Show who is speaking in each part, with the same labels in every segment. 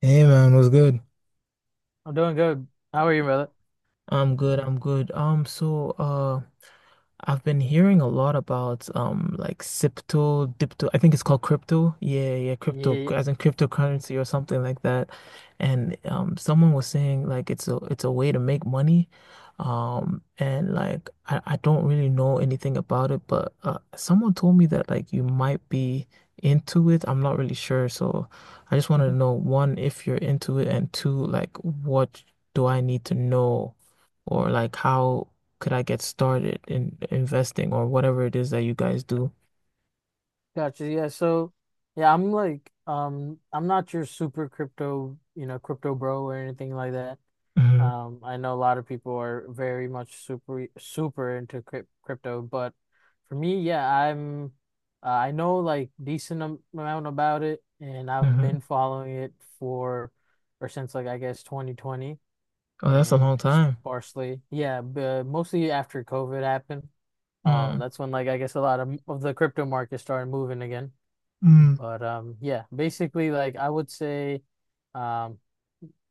Speaker 1: Hey man, what's good?
Speaker 2: I'm doing good. How are you, brother?
Speaker 1: I'm good, I'm good. I've been hearing a lot about like Sipto, Dipto, I think it's called crypto. Yeah, yeah, crypto
Speaker 2: Yeah,
Speaker 1: as in cryptocurrency or something like that. And someone was saying like it's a way to make money. And like I don't really know anything about it, but someone told me that like you might be into it. I'm not really sure. So I just wanted to know one, if you're into it, and two, like what do I need to know, or like how could I get started in investing or whatever it is that you guys do?
Speaker 2: Gotcha. Yeah, so yeah, I'm like I'm not your super crypto, crypto bro or anything like that.
Speaker 1: Hmm.
Speaker 2: I know a lot of people are very much super super into crypto, but for me, yeah, I'm I know like decent amount about it and I've
Speaker 1: Hmm.
Speaker 2: been following it for or since like I guess 2020
Speaker 1: Oh, that's a
Speaker 2: and
Speaker 1: long time.
Speaker 2: sparsely. Yeah, but mostly after COVID happened.
Speaker 1: Mm.
Speaker 2: That's when like I guess a lot of the crypto market started moving again.
Speaker 1: Mm.
Speaker 2: But yeah, basically like I would say, um,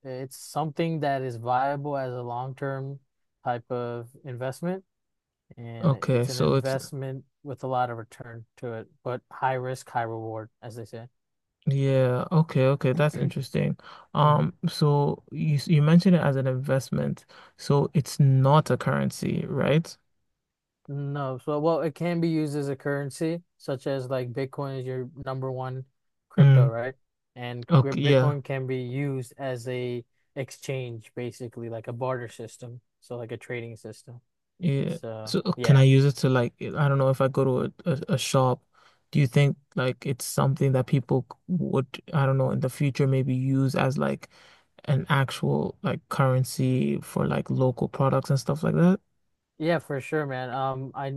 Speaker 2: it's something that is viable as a long-term type of investment, and
Speaker 1: Okay,
Speaker 2: it's an
Speaker 1: so it's,
Speaker 2: investment with a lot of return to it, but high risk, high reward, as they say.
Speaker 1: yeah, okay, okay, that's interesting.
Speaker 2: Mhm.
Speaker 1: So you you mentioned it as an investment, so it's not a currency, right?
Speaker 2: No, so well, it can be used as a currency, such as like Bitcoin is your number one crypto,
Speaker 1: Mm.
Speaker 2: right? And
Speaker 1: Okay, yeah.
Speaker 2: Bitcoin can be used as a exchange, basically, like a barter system, so like a trading system.
Speaker 1: Yeah.
Speaker 2: So
Speaker 1: So can I
Speaker 2: yeah,
Speaker 1: use it to, like, I don't know, if I go to a shop, do you think like it's something that people would, I don't know, in the future maybe use as like an actual like currency for like local products and stuff like that?
Speaker 2: yeah, for sure, man. I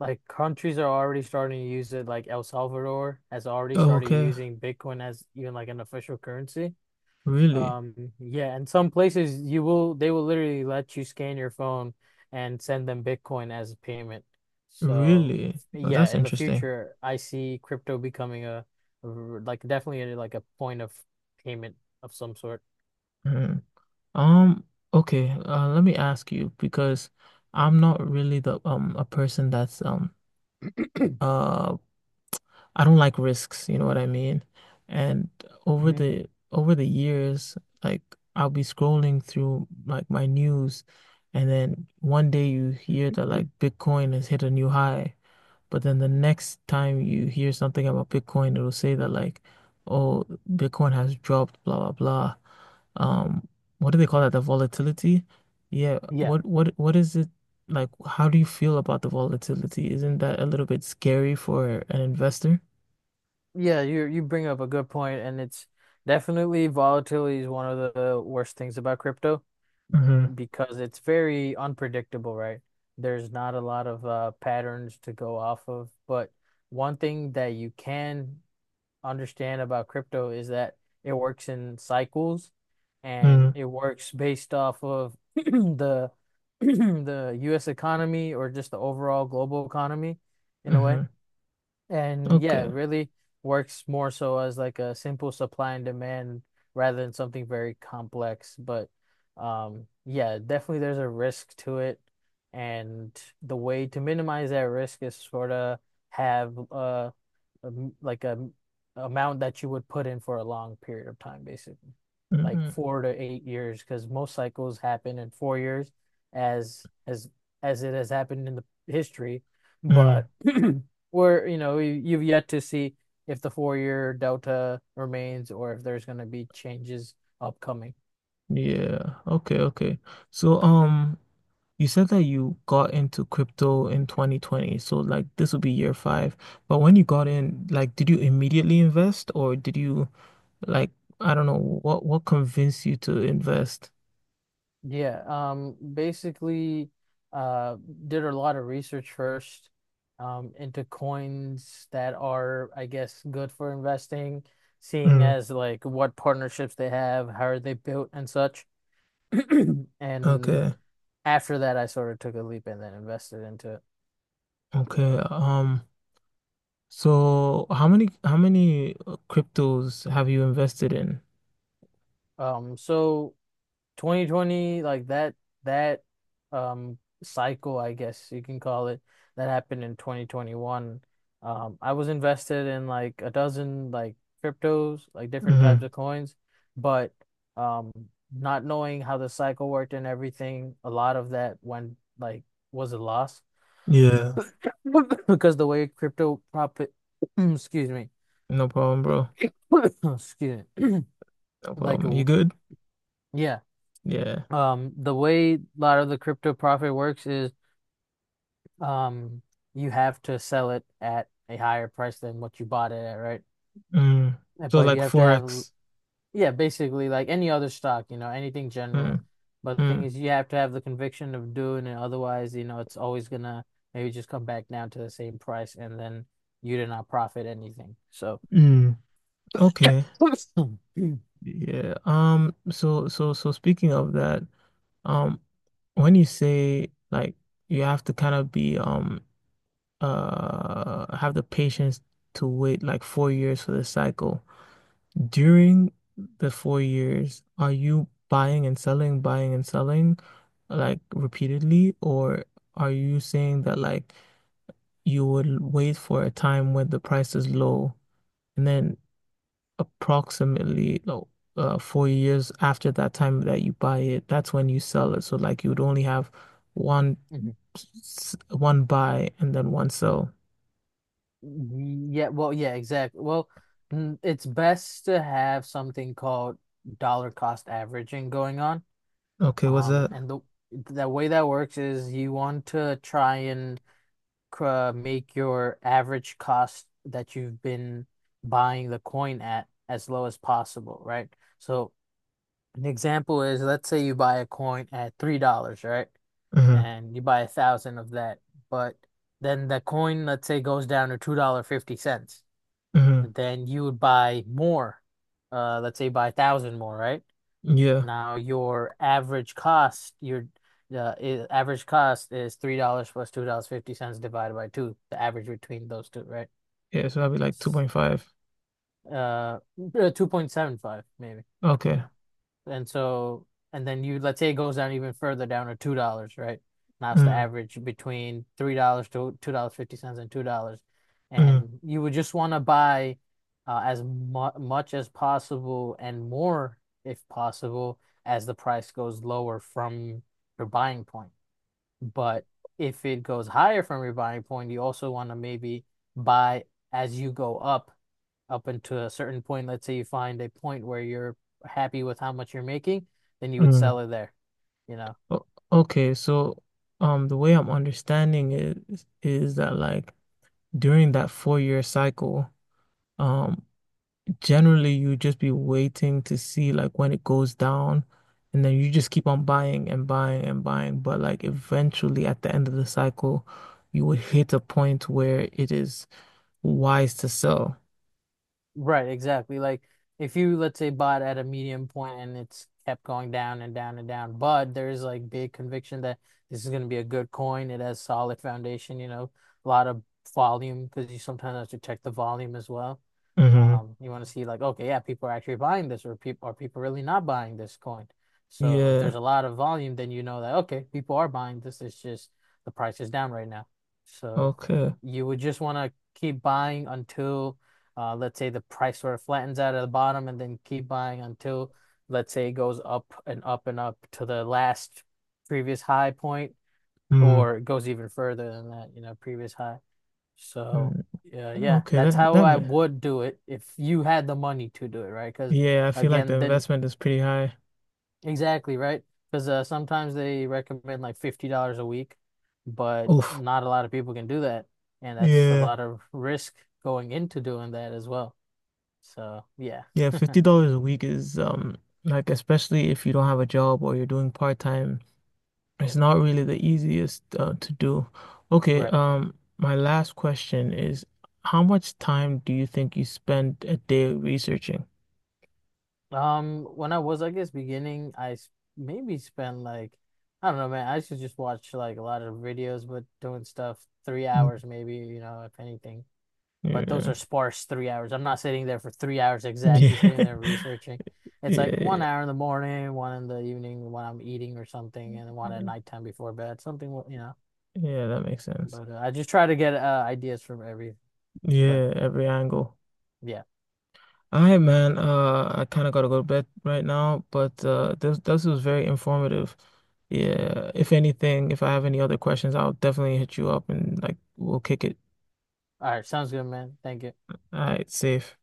Speaker 2: like countries are already starting to use it, like El Salvador has already
Speaker 1: Oh,
Speaker 2: started
Speaker 1: okay.
Speaker 2: using Bitcoin as even like an official currency.
Speaker 1: Really?
Speaker 2: Yeah, and some places you will they will literally let you scan your phone and send them Bitcoin as a payment. So,
Speaker 1: Really? Oh,
Speaker 2: yeah,
Speaker 1: that's
Speaker 2: in the
Speaker 1: interesting.
Speaker 2: future, I see crypto becoming a like definitely a point of payment of some sort.
Speaker 1: Mhm. Um, okay, let me ask you, because I'm not really the a person that's uh I don't like risks, you know what I mean? And over
Speaker 2: Mhm.
Speaker 1: the over the years, like I'll be scrolling through like my news, and then one day you hear that like Bitcoin has hit a new high, but then the next time you hear something about Bitcoin, it'll say that, like, oh, Bitcoin has dropped, blah blah blah. Um, what do they call that? The volatility? Yeah,
Speaker 2: Yeah.
Speaker 1: what is it like? How do you feel about the volatility? Isn't that a little bit scary for an investor?
Speaker 2: Yeah, you bring up a good point, and it's definitely volatility is one of the worst things about crypto,
Speaker 1: Mm-hmm.
Speaker 2: because it's very unpredictable, right? There's not a lot of patterns to go off of. But one thing that you can understand about crypto is that it works in cycles and
Speaker 1: Mm,
Speaker 2: it works based off of the the US economy or just the overall global economy in a way.
Speaker 1: mm-hmm.
Speaker 2: And yeah, it
Speaker 1: Okay.
Speaker 2: really works more so as like a simple supply and demand rather than something very complex. But yeah, definitely there's a risk to it. And the way to minimize that risk is sort of have a m- like a m- amount that you would put in for a long period of time, basically, like
Speaker 1: Mm-mm.
Speaker 2: 4 to 8 years, because most cycles happen in 4 years, as as as it has happened in the history,
Speaker 1: Mm.
Speaker 2: but where you've yet to see if the 4-year delta remains or if there's going to be changes upcoming.
Speaker 1: Yeah. Okay, okay. So you said that you got into crypto in 2020. So like this would be year five. But when you got in, like did you immediately invest or did you, like, I don't know, what convinced you to invest?
Speaker 2: Yeah, basically, uh, did a lot of research first, into coins that are, I guess, good for investing, seeing
Speaker 1: Mm.
Speaker 2: as like what partnerships they have, how are they built, and such. And
Speaker 1: Okay.
Speaker 2: after that, I sort of took a leap and then invested into it.
Speaker 1: Okay. So how many cryptos have you invested in?
Speaker 2: So 2020, like that um cycle, I guess you can call it, that happened in 2021. I was invested in like a dozen like cryptos, like different types
Speaker 1: Mm-hmm.
Speaker 2: of coins, but um not knowing how the cycle worked and everything, a lot of that went like was a loss
Speaker 1: Yeah.
Speaker 2: because the way crypto profit, excuse me,
Speaker 1: No problem, bro.
Speaker 2: excuse me,
Speaker 1: No
Speaker 2: like
Speaker 1: problem.
Speaker 2: a,
Speaker 1: You good?
Speaker 2: yeah,
Speaker 1: Yeah.
Speaker 2: the way a lot of the crypto profit works is um, you have to sell it at a higher price than what you bought it at, right?
Speaker 1: Mm. So
Speaker 2: But
Speaker 1: like
Speaker 2: you have to have,
Speaker 1: forex.
Speaker 2: yeah, basically like any other stock, anything general.
Speaker 1: Mm.
Speaker 2: But the thing
Speaker 1: Mm.
Speaker 2: is, you have to have the conviction of doing it. Otherwise, it's always gonna maybe just come back down to the same price, and then you did not profit anything. So,
Speaker 1: Mm. Okay. Yeah. So speaking of that, um, when you say like you have to kind of be have the patience to wait like 4 years for the cycle. During the 4 years, are you buying and selling, like repeatedly, or are you saying that like you would wait for a time when the price is low? And then approximately like 4 years after that time that you buy it, that's when you sell it. So like you would only have one one buy and then one sell.
Speaker 2: yeah, well, yeah, exactly. Well, it's best to have something called dollar cost averaging going on.
Speaker 1: Okay, what's that?
Speaker 2: And the way that works is you want to try and make your average cost that you've been buying the coin at as low as possible, right? So an example is let's say you buy a coin at $3, right?
Speaker 1: Hmm.
Speaker 2: And you buy 1,000 of that, but then the coin, let's say, goes down to $2 50 cents.
Speaker 1: Hmm.
Speaker 2: Then you would buy more. Let's say you buy 1,000 more, right?
Speaker 1: Yeah.
Speaker 2: Now your average cost, your average cost is $3 plus $2 50 cents divided by two, the average between those two, right?
Speaker 1: Yeah, so that'd be like 2.5.
Speaker 2: Uh, 2.75 maybe.
Speaker 1: Okay.
Speaker 2: Yeah. And so, and then you, let's say it goes down even further down to $2, right? Now it's the
Speaker 1: Mm,
Speaker 2: average between $3 to $2.50 and 50 cents and $2.
Speaker 1: mm,
Speaker 2: And you would just want to buy as mu much as possible and more, if possible, as the price goes lower from your buying point. But if it goes higher from your buying point, you also want to maybe buy as you go up into a certain point. Let's say you find a point where you're happy with how much you're making, then you would
Speaker 1: mm.
Speaker 2: sell it there. You know,
Speaker 1: O- Okay, so the way I'm understanding it is that like during that four-year cycle, um generally, you just be waiting to see like when it goes down, and then you just keep on buying and buying and buying. But like eventually, at the end of the cycle, you would hit a point where it is wise to sell.
Speaker 2: Right, exactly. Like if you let's say bought at a medium point and it's kept going down and down and down, but there's like big conviction that this is going to be a good coin. It has solid foundation, a lot of volume because you sometimes have to check the volume as well.
Speaker 1: Mm-hmm.
Speaker 2: You want to see like, okay, yeah, people are actually buying this, or people really not buying this coin. So if there's
Speaker 1: Yeah.
Speaker 2: a lot of volume, then you know that okay, people are buying this. It's just the price is down right now. So
Speaker 1: Okay.
Speaker 2: you would just want to keep buying until. Let's say the price sort of flattens out at the bottom and then keep buying until, let's say, it goes up and up and up to the last previous high point,
Speaker 1: Mm.
Speaker 2: or it goes even further than that, previous high. So,
Speaker 1: Mm,
Speaker 2: yeah, yeah,
Speaker 1: okay,
Speaker 2: that's how I would do it if you had the money to do it, right? Because
Speaker 1: yeah, I feel like the
Speaker 2: again, then
Speaker 1: investment is pretty high.
Speaker 2: exactly, right? Because sometimes they recommend like $50 a week, but
Speaker 1: Oof.
Speaker 2: not a lot of people can do that. And that's a
Speaker 1: Yeah.
Speaker 2: lot of risk going into doing that as well. So, yeah.
Speaker 1: Yeah, $50 a week is, like, especially if you don't have a job or you're doing part-time, it's not really the easiest, to do. Okay,
Speaker 2: Right.
Speaker 1: my last question is, how much time do you think you spend a day researching?
Speaker 2: When I was, I guess, beginning, maybe spent like, I don't know, man. I should just watch like a lot of videos, but doing stuff three
Speaker 1: Mm.
Speaker 2: hours, maybe, if anything. But those
Speaker 1: Yeah.
Speaker 2: are sparse 3 hours. I'm not sitting there for 3 hours exactly, sitting
Speaker 1: Yeah.
Speaker 2: there researching. It's like one
Speaker 1: Yeah.
Speaker 2: hour in the morning, one in the evening when I'm eating or something, and one at
Speaker 1: Yeah,
Speaker 2: nighttime before bed, something.
Speaker 1: Yeah, that makes sense.
Speaker 2: But I just try to get ideas from every, but
Speaker 1: Yeah, every angle.
Speaker 2: yeah.
Speaker 1: All right, man. I kind of gotta go to bed right now, but this was very informative.
Speaker 2: Mhm.
Speaker 1: Yeah. If anything, if I have any other questions, I'll definitely hit you up and like we'll kick it.
Speaker 2: All right. Sounds good, man. Thank you.
Speaker 1: All right, safe.